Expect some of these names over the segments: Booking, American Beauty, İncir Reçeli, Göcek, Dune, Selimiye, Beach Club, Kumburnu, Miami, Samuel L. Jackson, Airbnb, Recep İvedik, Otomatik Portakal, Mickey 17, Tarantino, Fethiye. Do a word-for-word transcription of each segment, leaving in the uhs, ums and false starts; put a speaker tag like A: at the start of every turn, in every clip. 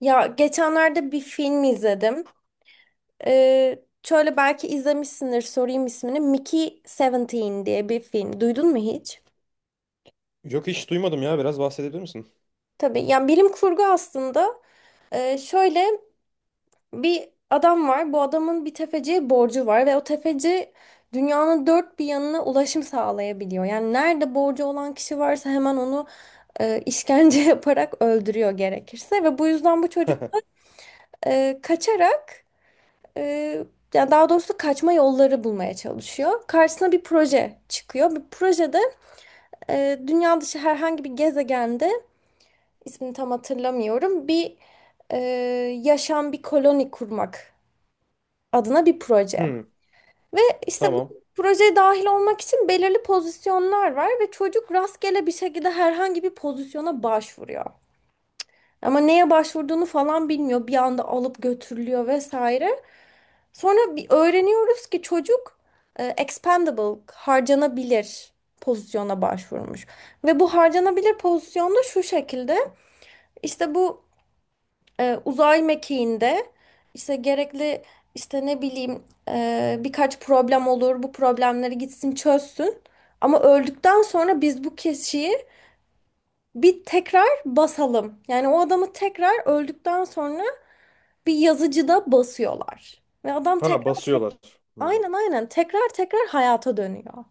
A: Ya geçenlerde bir film izledim. Ee, şöyle belki izlemişsindir sorayım ismini. Mickey on yedi diye bir film. Duydun mu hiç?
B: Yok, hiç duymadım ya. Biraz bahsedebilir misin?
A: Tabii yani bilim kurgu aslında. Ee, şöyle bir adam var. Bu adamın bir tefeciye borcu var ve o tefeci dünyanın dört bir yanına ulaşım sağlayabiliyor. Yani nerede borcu olan kişi varsa hemen onu e, işkence yaparak öldürüyor gerekirse ve bu yüzden bu çocuk e, kaçarak, Ee, yani daha doğrusu kaçma yolları bulmaya çalışıyor. Karşısına bir proje çıkıyor. Bu projede e, dünya dışı herhangi bir gezegende ismini tam hatırlamıyorum bir e, yaşam, bir koloni kurmak adına bir proje.
B: Hmm,
A: Ve işte bu
B: tamam.
A: projeye dahil olmak için belirli pozisyonlar var ve çocuk rastgele bir şekilde herhangi bir pozisyona başvuruyor. Ama neye başvurduğunu falan bilmiyor. Bir anda alıp götürülüyor vesaire. Sonra bir öğreniyoruz ki çocuk e, expendable, harcanabilir pozisyona başvurmuş. Ve bu harcanabilir pozisyonda şu şekilde işte bu e, uzay mekiğinde işte gerekli, işte ne bileyim, e, birkaç problem olur. Bu problemleri gitsin çözsün. Ama öldükten sonra biz bu kişiyi bir tekrar basalım. Yani o adamı tekrar öldükten sonra bir yazıcıda basıyorlar. Ve adam
B: Ha,
A: tekrar
B: basıyorlar. Hmm.
A: aynen, aynen, tekrar tekrar hayata dönüyor.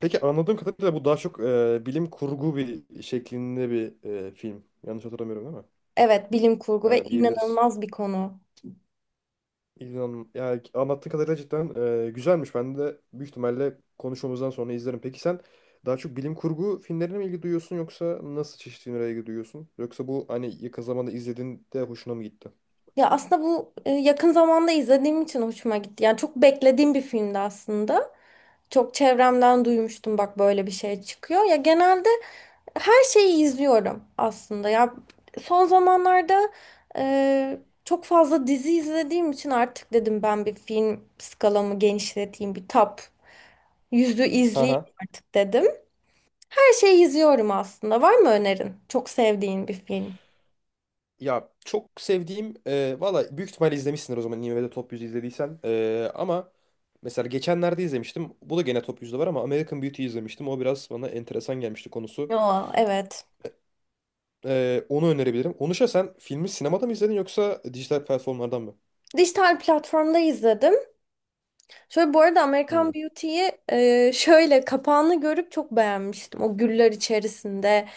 B: Peki, anladığım kadarıyla bu daha çok e, bilim kurgu bir şeklinde bir e, film. Yanlış hatırlamıyorum, değil mi?
A: Evet, bilim kurgu ve
B: Yani diyebiliriz.
A: inanılmaz bir konu.
B: İlhan, yani anlattığı kadarıyla cidden e, güzelmiş. Ben de büyük ihtimalle konuşmamızdan sonra izlerim. Peki sen daha çok bilim kurgu filmlerine mi ilgi duyuyorsun yoksa nasıl çeşitli filmlere ilgi duyuyorsun? Yoksa bu hani yakın zamanda izlediğinde hoşuna mı gitti?
A: Ya aslında bu e, yakın zamanda izlediğim için hoşuma gitti. Yani çok beklediğim bir filmdi aslında. Çok çevremden duymuştum, bak böyle bir şey çıkıyor. Ya genelde her şeyi izliyorum aslında. Ya son zamanlarda e, çok fazla dizi izlediğim için artık dedim ben bir film skalamı genişleteyim. Bir top yüzü izleyeyim
B: Ha.
A: artık dedim. Her şeyi izliyorum aslında. Var mı önerin? Çok sevdiğin bir film.
B: Ya çok sevdiğim e, valla büyük ihtimalle izlemişsindir o zaman IMDb'de Top yüzü izlediysen. E, ama mesela geçenlerde izlemiştim. Bu da gene Top yüzde var ama American Beauty izlemiştim. O biraz bana enteresan gelmişti konusu.
A: Aa, evet.
B: E, onu önerebilirim. Onuşa sen filmi sinemada mı izledin yoksa dijital platformlardan mı?
A: Dijital platformda izledim. Şöyle bu arada
B: Hmm.
A: American Beauty'yi e, şöyle kapağını görüp çok beğenmiştim. O güller içerisinde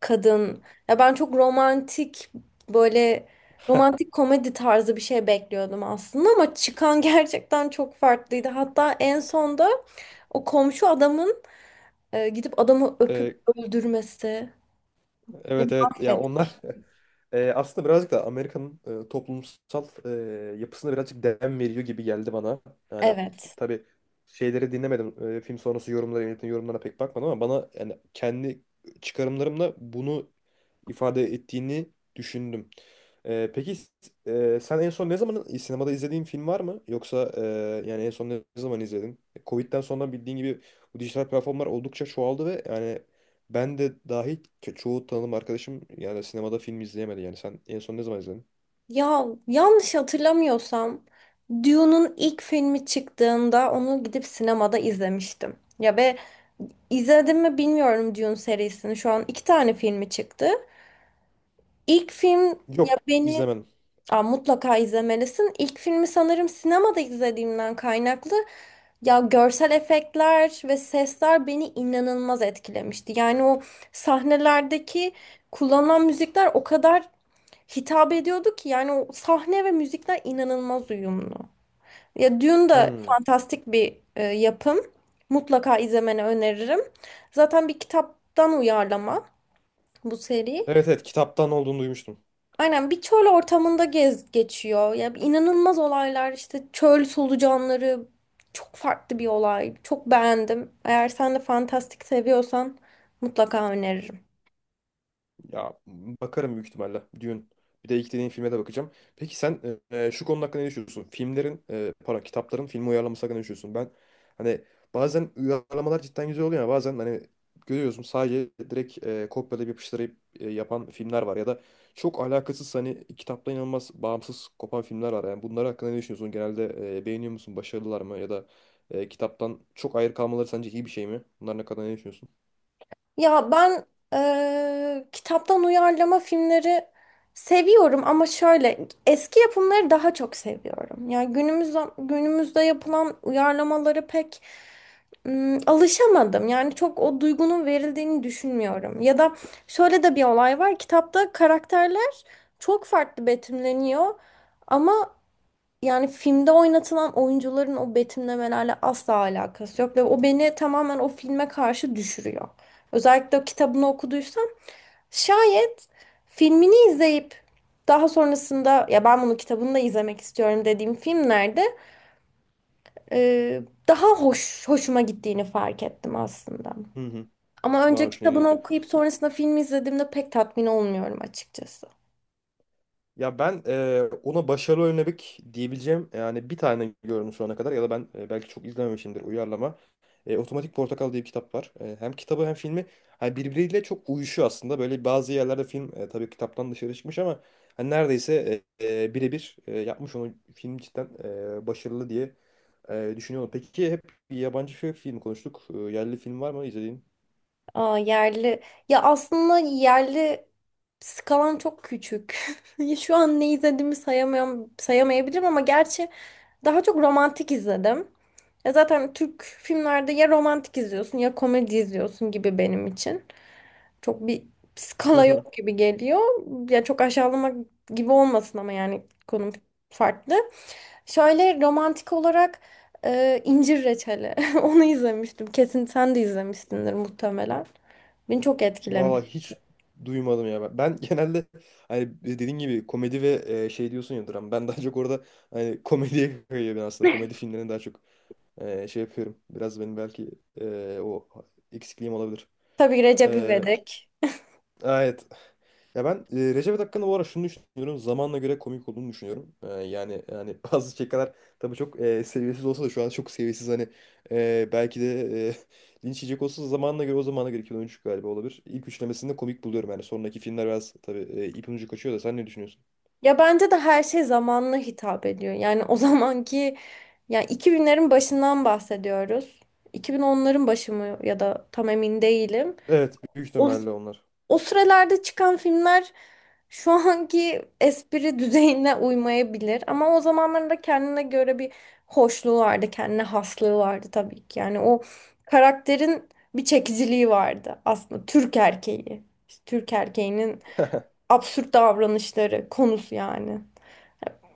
A: kadın. Ya ben çok romantik, böyle romantik komedi tarzı bir şey bekliyordum aslında ama çıkan gerçekten çok farklıydı. Hatta en sonda o komşu adamın e, gidip adamı öpüp
B: E,
A: öldürmesi. Beni
B: evet, evet, ya
A: Mahvet.
B: onlar. E, aslında birazcık da Amerika'nın e, toplumsal e, yapısına birazcık dem veriyor gibi geldi bana. Yani
A: Evet.
B: tabii şeyleri dinlemedim. E, film sonrası yorumlara, yönetmenin yorumlarına pek bakmadım ama bana yani kendi çıkarımlarımla bunu ifade ettiğini düşündüm. Ee, peki e, sen en son ne zaman sinemada izlediğin film var mı? Yoksa e, yani en son ne zaman izledin? Covid'den sonra bildiğin gibi bu dijital platformlar oldukça çoğaldı ve yani ben de dahil ço- çoğu tanıdığım arkadaşım yani sinemada film izleyemedi. Yani sen en son ne zaman izledin?
A: Ya yanlış hatırlamıyorsam Dune'un ilk filmi çıktığında onu gidip sinemada izlemiştim. Ya ve izledim mi bilmiyorum Dune serisini. Şu an iki tane filmi çıktı. İlk film, ya
B: Yok,
A: beni.
B: izlemem.
A: Aa, mutlaka izlemelisin. İlk filmi sanırım sinemada izlediğimden kaynaklı. Ya görsel efektler ve sesler beni inanılmaz etkilemişti. Yani o sahnelerdeki kullanılan müzikler o kadar hitap ediyordu ki yani o sahne ve müzikler inanılmaz uyumlu. Ya Dune da
B: Hmm.
A: fantastik bir e, yapım. Mutlaka izlemeni öneririm. Zaten bir kitaptan uyarlama bu seri.
B: Evet, evet, kitaptan olduğunu duymuştum.
A: Aynen, bir çöl ortamında gez geçiyor. Ya inanılmaz olaylar, işte çöl solucanları, çok farklı bir olay. Çok beğendim. Eğer sen de fantastik seviyorsan mutlaka öneririm.
B: Ya bakarım büyük ihtimalle. Dune. Bir de ilk dediğin filme de bakacağım. Peki sen e, şu konu hakkında ne düşünüyorsun? Filmlerin, e, pardon, kitapların filmi uyarlaması hakkında ne düşünüyorsun? Ben hani bazen uyarlamalar cidden güzel oluyor, ya bazen hani görüyorsun sadece direkt e, kopyalayıp yapıştırıp e, yapan filmler var ya da çok alakasız hani kitaptan inanılmaz bağımsız kopan filmler var. Yani bunlar hakkında ne düşünüyorsun? Genelde e, beğeniyor musun? Başarılılar mı? Ya da e, kitaptan çok ayrı kalmaları sence iyi bir şey mi? Bunlar ne kadar ne düşünüyorsun?
A: Ya ben eee, kitaptan uyarlama filmleri seviyorum ama şöyle eski yapımları daha çok seviyorum. Yani günümüz günümüzde yapılan uyarlamaları pek ım, alışamadım. Yani çok o duygunun verildiğini düşünmüyorum. Ya da şöyle de bir olay var. Kitapta karakterler çok farklı betimleniyor. Ama yani filmde oynatılan oyuncuların o betimlemelerle asla alakası yok ve o beni tamamen o filme karşı düşürüyor. Özellikle o kitabını okuduysam şayet, filmini izleyip daha sonrasında ya ben bunu kitabını da izlemek istiyorum dediğim filmlerde e, daha hoş hoşuma gittiğini fark ettim aslında.
B: Hı hı.
A: Ama
B: Daha
A: önce
B: hoşuna
A: kitabını
B: gidiyor.
A: okuyup sonrasında film izlediğimde pek tatmin olmuyorum açıkçası.
B: Ya ben e, ona başarılı örnek diyebileceğim yani bir tane gördüm şu ana kadar, ya da ben e, belki çok izlememişimdir uyarlama. E, Otomatik Portakal diye bir kitap var. E, hem kitabı hem filmi hani birbiriyle çok uyuşuyor aslında. Böyle bazı yerlerde film e, tabii kitaptan dışarı çıkmış ama hani neredeyse e, e, birebir e, yapmış onu film, cidden e, başarılı diye e, düşünüyorum. Peki hep yabancı film konuştuk. E, yerli film var mı izlediğin?
A: Aa, yerli. Ya aslında yerli skalam çok küçük. Şu an ne izlediğimi sayamıyorum, sayamayabilirim ama gerçi daha çok romantik izledim. Ya zaten Türk filmlerde ya romantik izliyorsun ya komedi izliyorsun gibi benim için. Çok bir skala yok gibi geliyor. Ya çok aşağılamak gibi olmasın ama yani konum farklı. Şöyle romantik olarak e, İncir Reçeli. Onu izlemiştim. Kesin sen de izlemişsindir muhtemelen. Beni çok
B: Valla
A: etkilemiş.
B: hiç duymadım ya ben. Ben genelde hani dediğin gibi komedi ve e, şey diyorsun ya, dram. Ben daha çok orada hani komediye kayıyor ben aslında. Komedi filmlerine daha çok e, şey yapıyorum. Biraz benim belki e, o eksikliğim olabilir.
A: Tabii Recep
B: E,
A: İvedik.
B: evet, ya ben e, Recep hakkında bu ara şunu düşünüyorum. Zamanla göre komik olduğunu düşünüyorum. E, yani yani bazı şakalar tabii çok e, seviyesiz olsa da şu an çok seviyesiz, hani e, belki de e, linç yiyecek olsa da, zamanla göre, o zamana göre, iki bin on üç galiba olabilir. İlk üçlemesinde komik buluyorum yani. Sonraki filmler biraz tabii e, ipin ucu kaçıyor da sen ne düşünüyorsun?
A: Ya bence de her şey zamanına hitap ediyor. Yani o zamanki, yani iki binlerin başından bahsediyoruz. iki bin onların başı mı, ya da tam emin değilim.
B: Evet, büyük
A: O
B: ihtimalle onlar.
A: O sıralarda çıkan filmler şu anki espri düzeyine uymayabilir ama o zamanlarda kendine göre bir hoşluğu vardı, kendine haslığı vardı tabii ki. Yani o karakterin bir çekiciliği vardı aslında, Türk erkeği. İşte Türk erkeğinin absürt davranışları konusu yani.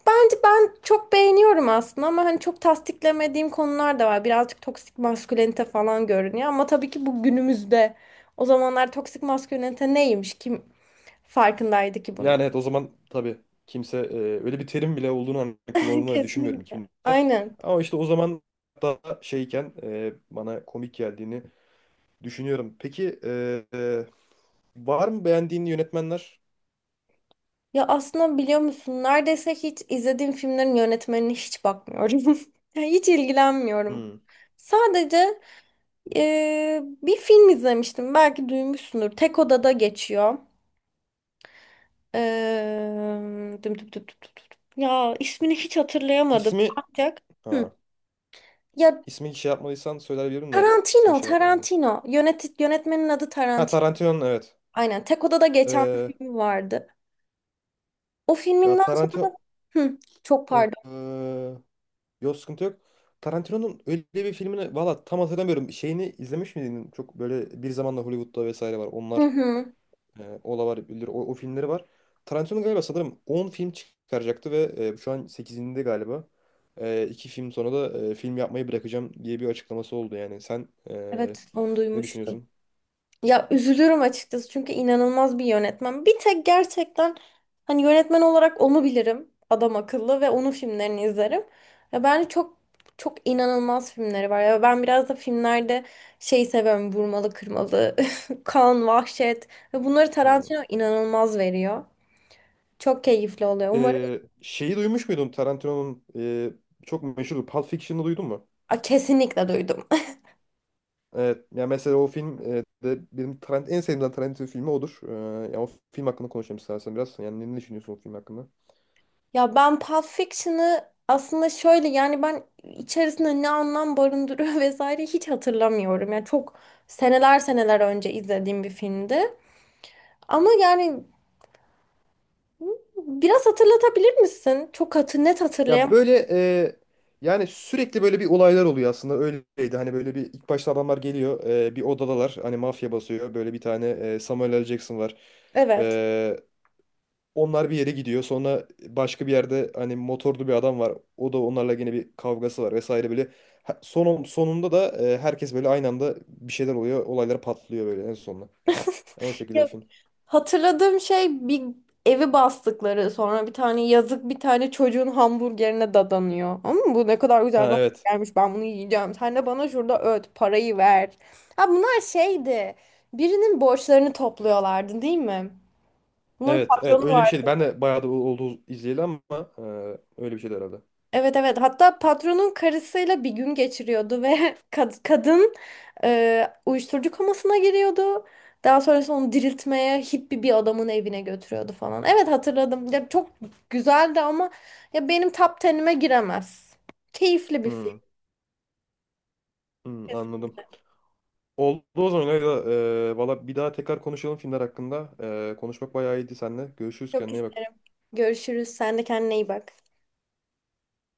A: Bence ben çok beğeniyorum aslında ama hani çok tasdiklemediğim konular da var. Birazcık toksik maskülenite falan görünüyor ama tabii ki bu günümüzde. O zamanlar toksik maskülenite neymiş? Kim farkındaydı ki bunun.
B: Yani evet, o zaman tabii kimse e, öyle bir terim bile olduğunu hani kullanıldığını düşünmüyorum
A: Kesinlikle.
B: iki binde.
A: Aynen.
B: Ama işte o zaman daha şeyken e, bana komik geldiğini düşünüyorum. Peki e, e, var mı beğendiğin yönetmenler?
A: Ya aslında biliyor musun, neredeyse hiç izlediğim filmlerin yönetmenine hiç bakmıyorum. Yani hiç ilgilenmiyorum.
B: Hmm.
A: Sadece eee, bir film izlemiştim. Belki duymuşsundur. Tek odada geçiyor. Eee, düm düm düm düm düm düm. Ya ismini hiç hatırlayamadım.
B: İsmi
A: Ancak. Hı.
B: ha,
A: Ya
B: ismi şey yapmadıysan söyleyebilirim de, ismi
A: Tarantino,
B: şey yap- e.
A: Tarantino. Yönet yönetmenin adı
B: Ha,
A: Tarantino.
B: Tarantino, evet.
A: Aynen. Tek odada geçen
B: E,
A: bir film vardı. O
B: ya
A: filminden sonra.
B: Tarantino
A: Hı, çok
B: e,
A: pardon.
B: e, yok, sıkıntı yok. Tarantino'nun öyle bir filmini valla tam hatırlamıyorum. Şeyini izlemiş miydin? Çok böyle bir zamanla Hollywood'da vesaire var.
A: Hı
B: Onlar.
A: hı.
B: E, Olavar, o, o filmleri var. Tarantino galiba sanırım on film çıkaracaktı ve e, şu an sekizinde galiba. E, iki film sonra da e, film yapmayı bırakacağım diye bir açıklaması oldu yani. Sen e,
A: Evet, onu
B: ne
A: duymuştum.
B: düşünüyorsun?
A: Ya üzülürüm açıkçası çünkü inanılmaz bir yönetmen. Bir tek gerçekten hani yönetmen olarak onu bilirim. Adam akıllı ve onun filmlerini izlerim. Ve bence çok çok inanılmaz filmleri var. Ya ben biraz da filmlerde şey seviyorum. Vurmalı, kırmalı, kan, vahşet, ve bunları
B: Hmm.
A: Tarantino inanılmaz veriyor. Çok keyifli oluyor. Umarım.
B: E, şeyi duymuş muydun Tarantino'nun e, çok meşhur Pulp Fiction'ı duydun mu?
A: Aa, kesinlikle duydum.
B: Evet. Ya mesela o film e, de benim Tarant en sevdiğim Tarantino filmi odur. E, ya o film hakkında konuşalım istersen biraz. Yani ne ne düşünüyorsun o film hakkında?
A: Ya ben Pulp Fiction'ı aslında şöyle, yani ben içerisinde ne anlam barındırıyor vesaire hiç hatırlamıyorum. Yani çok seneler seneler önce izlediğim bir filmdi. Ama yani biraz hatırlatabilir misin? Çok hatır, net
B: Ya
A: hatırlayamam.
B: böyle e, yani sürekli böyle bir olaylar oluyor aslında, öyleydi. Hani böyle bir ilk başta adamlar geliyor, e, bir odadalar, hani mafya basıyor. Böyle bir tane e, Samuel L. Jackson var.
A: Evet.
B: E, onlar bir yere gidiyor. Sonra başka bir yerde hani motorlu bir adam var. O da onlarla yine bir kavgası var vesaire böyle. Ha- Son, sonunda da e, herkes böyle aynı anda bir şeyler oluyor. Olaylar patlıyor böyle en sonunda. O şekilde bir
A: Ya
B: film.
A: hatırladığım şey, bir evi bastıkları, sonra bir tane yazık, bir tane çocuğun hamburgerine dadanıyor. Ama bu ne kadar güzel
B: Ha,
A: bir
B: evet.
A: hamburgermiş, ben bunu yiyeceğim. Sen de bana şurada öt parayı ver. Ha, bunlar şeydi, birinin borçlarını topluyorlardı değil mi? Bunların
B: Evet, evet,
A: patronu
B: öyle bir şeydi.
A: vardı.
B: Ben de bayağı da oldu izleyeli ama e, öyle bir şeydi herhalde.
A: Evet, evet, hatta patronun karısıyla bir gün geçiriyordu ve kad- kadın e, uyuşturucu komasına giriyordu. Daha sonrasında onu diriltmeye hippie bir adamın evine götürüyordu falan. Evet, hatırladım. Ya çok güzeldi ama ya benim top onuma giremez. Keyifli bir film
B: Hmm. Hmm, anladım.
A: kesinlikle.
B: Oldu o zaman Leyla. Ee, valla bir daha tekrar konuşalım filmler hakkında. Ee, konuşmak bayağı iyiydi seninle. Görüşürüz,
A: Çok
B: kendine iyi
A: isterim.
B: bak.
A: Görüşürüz. Sen de kendine iyi bak.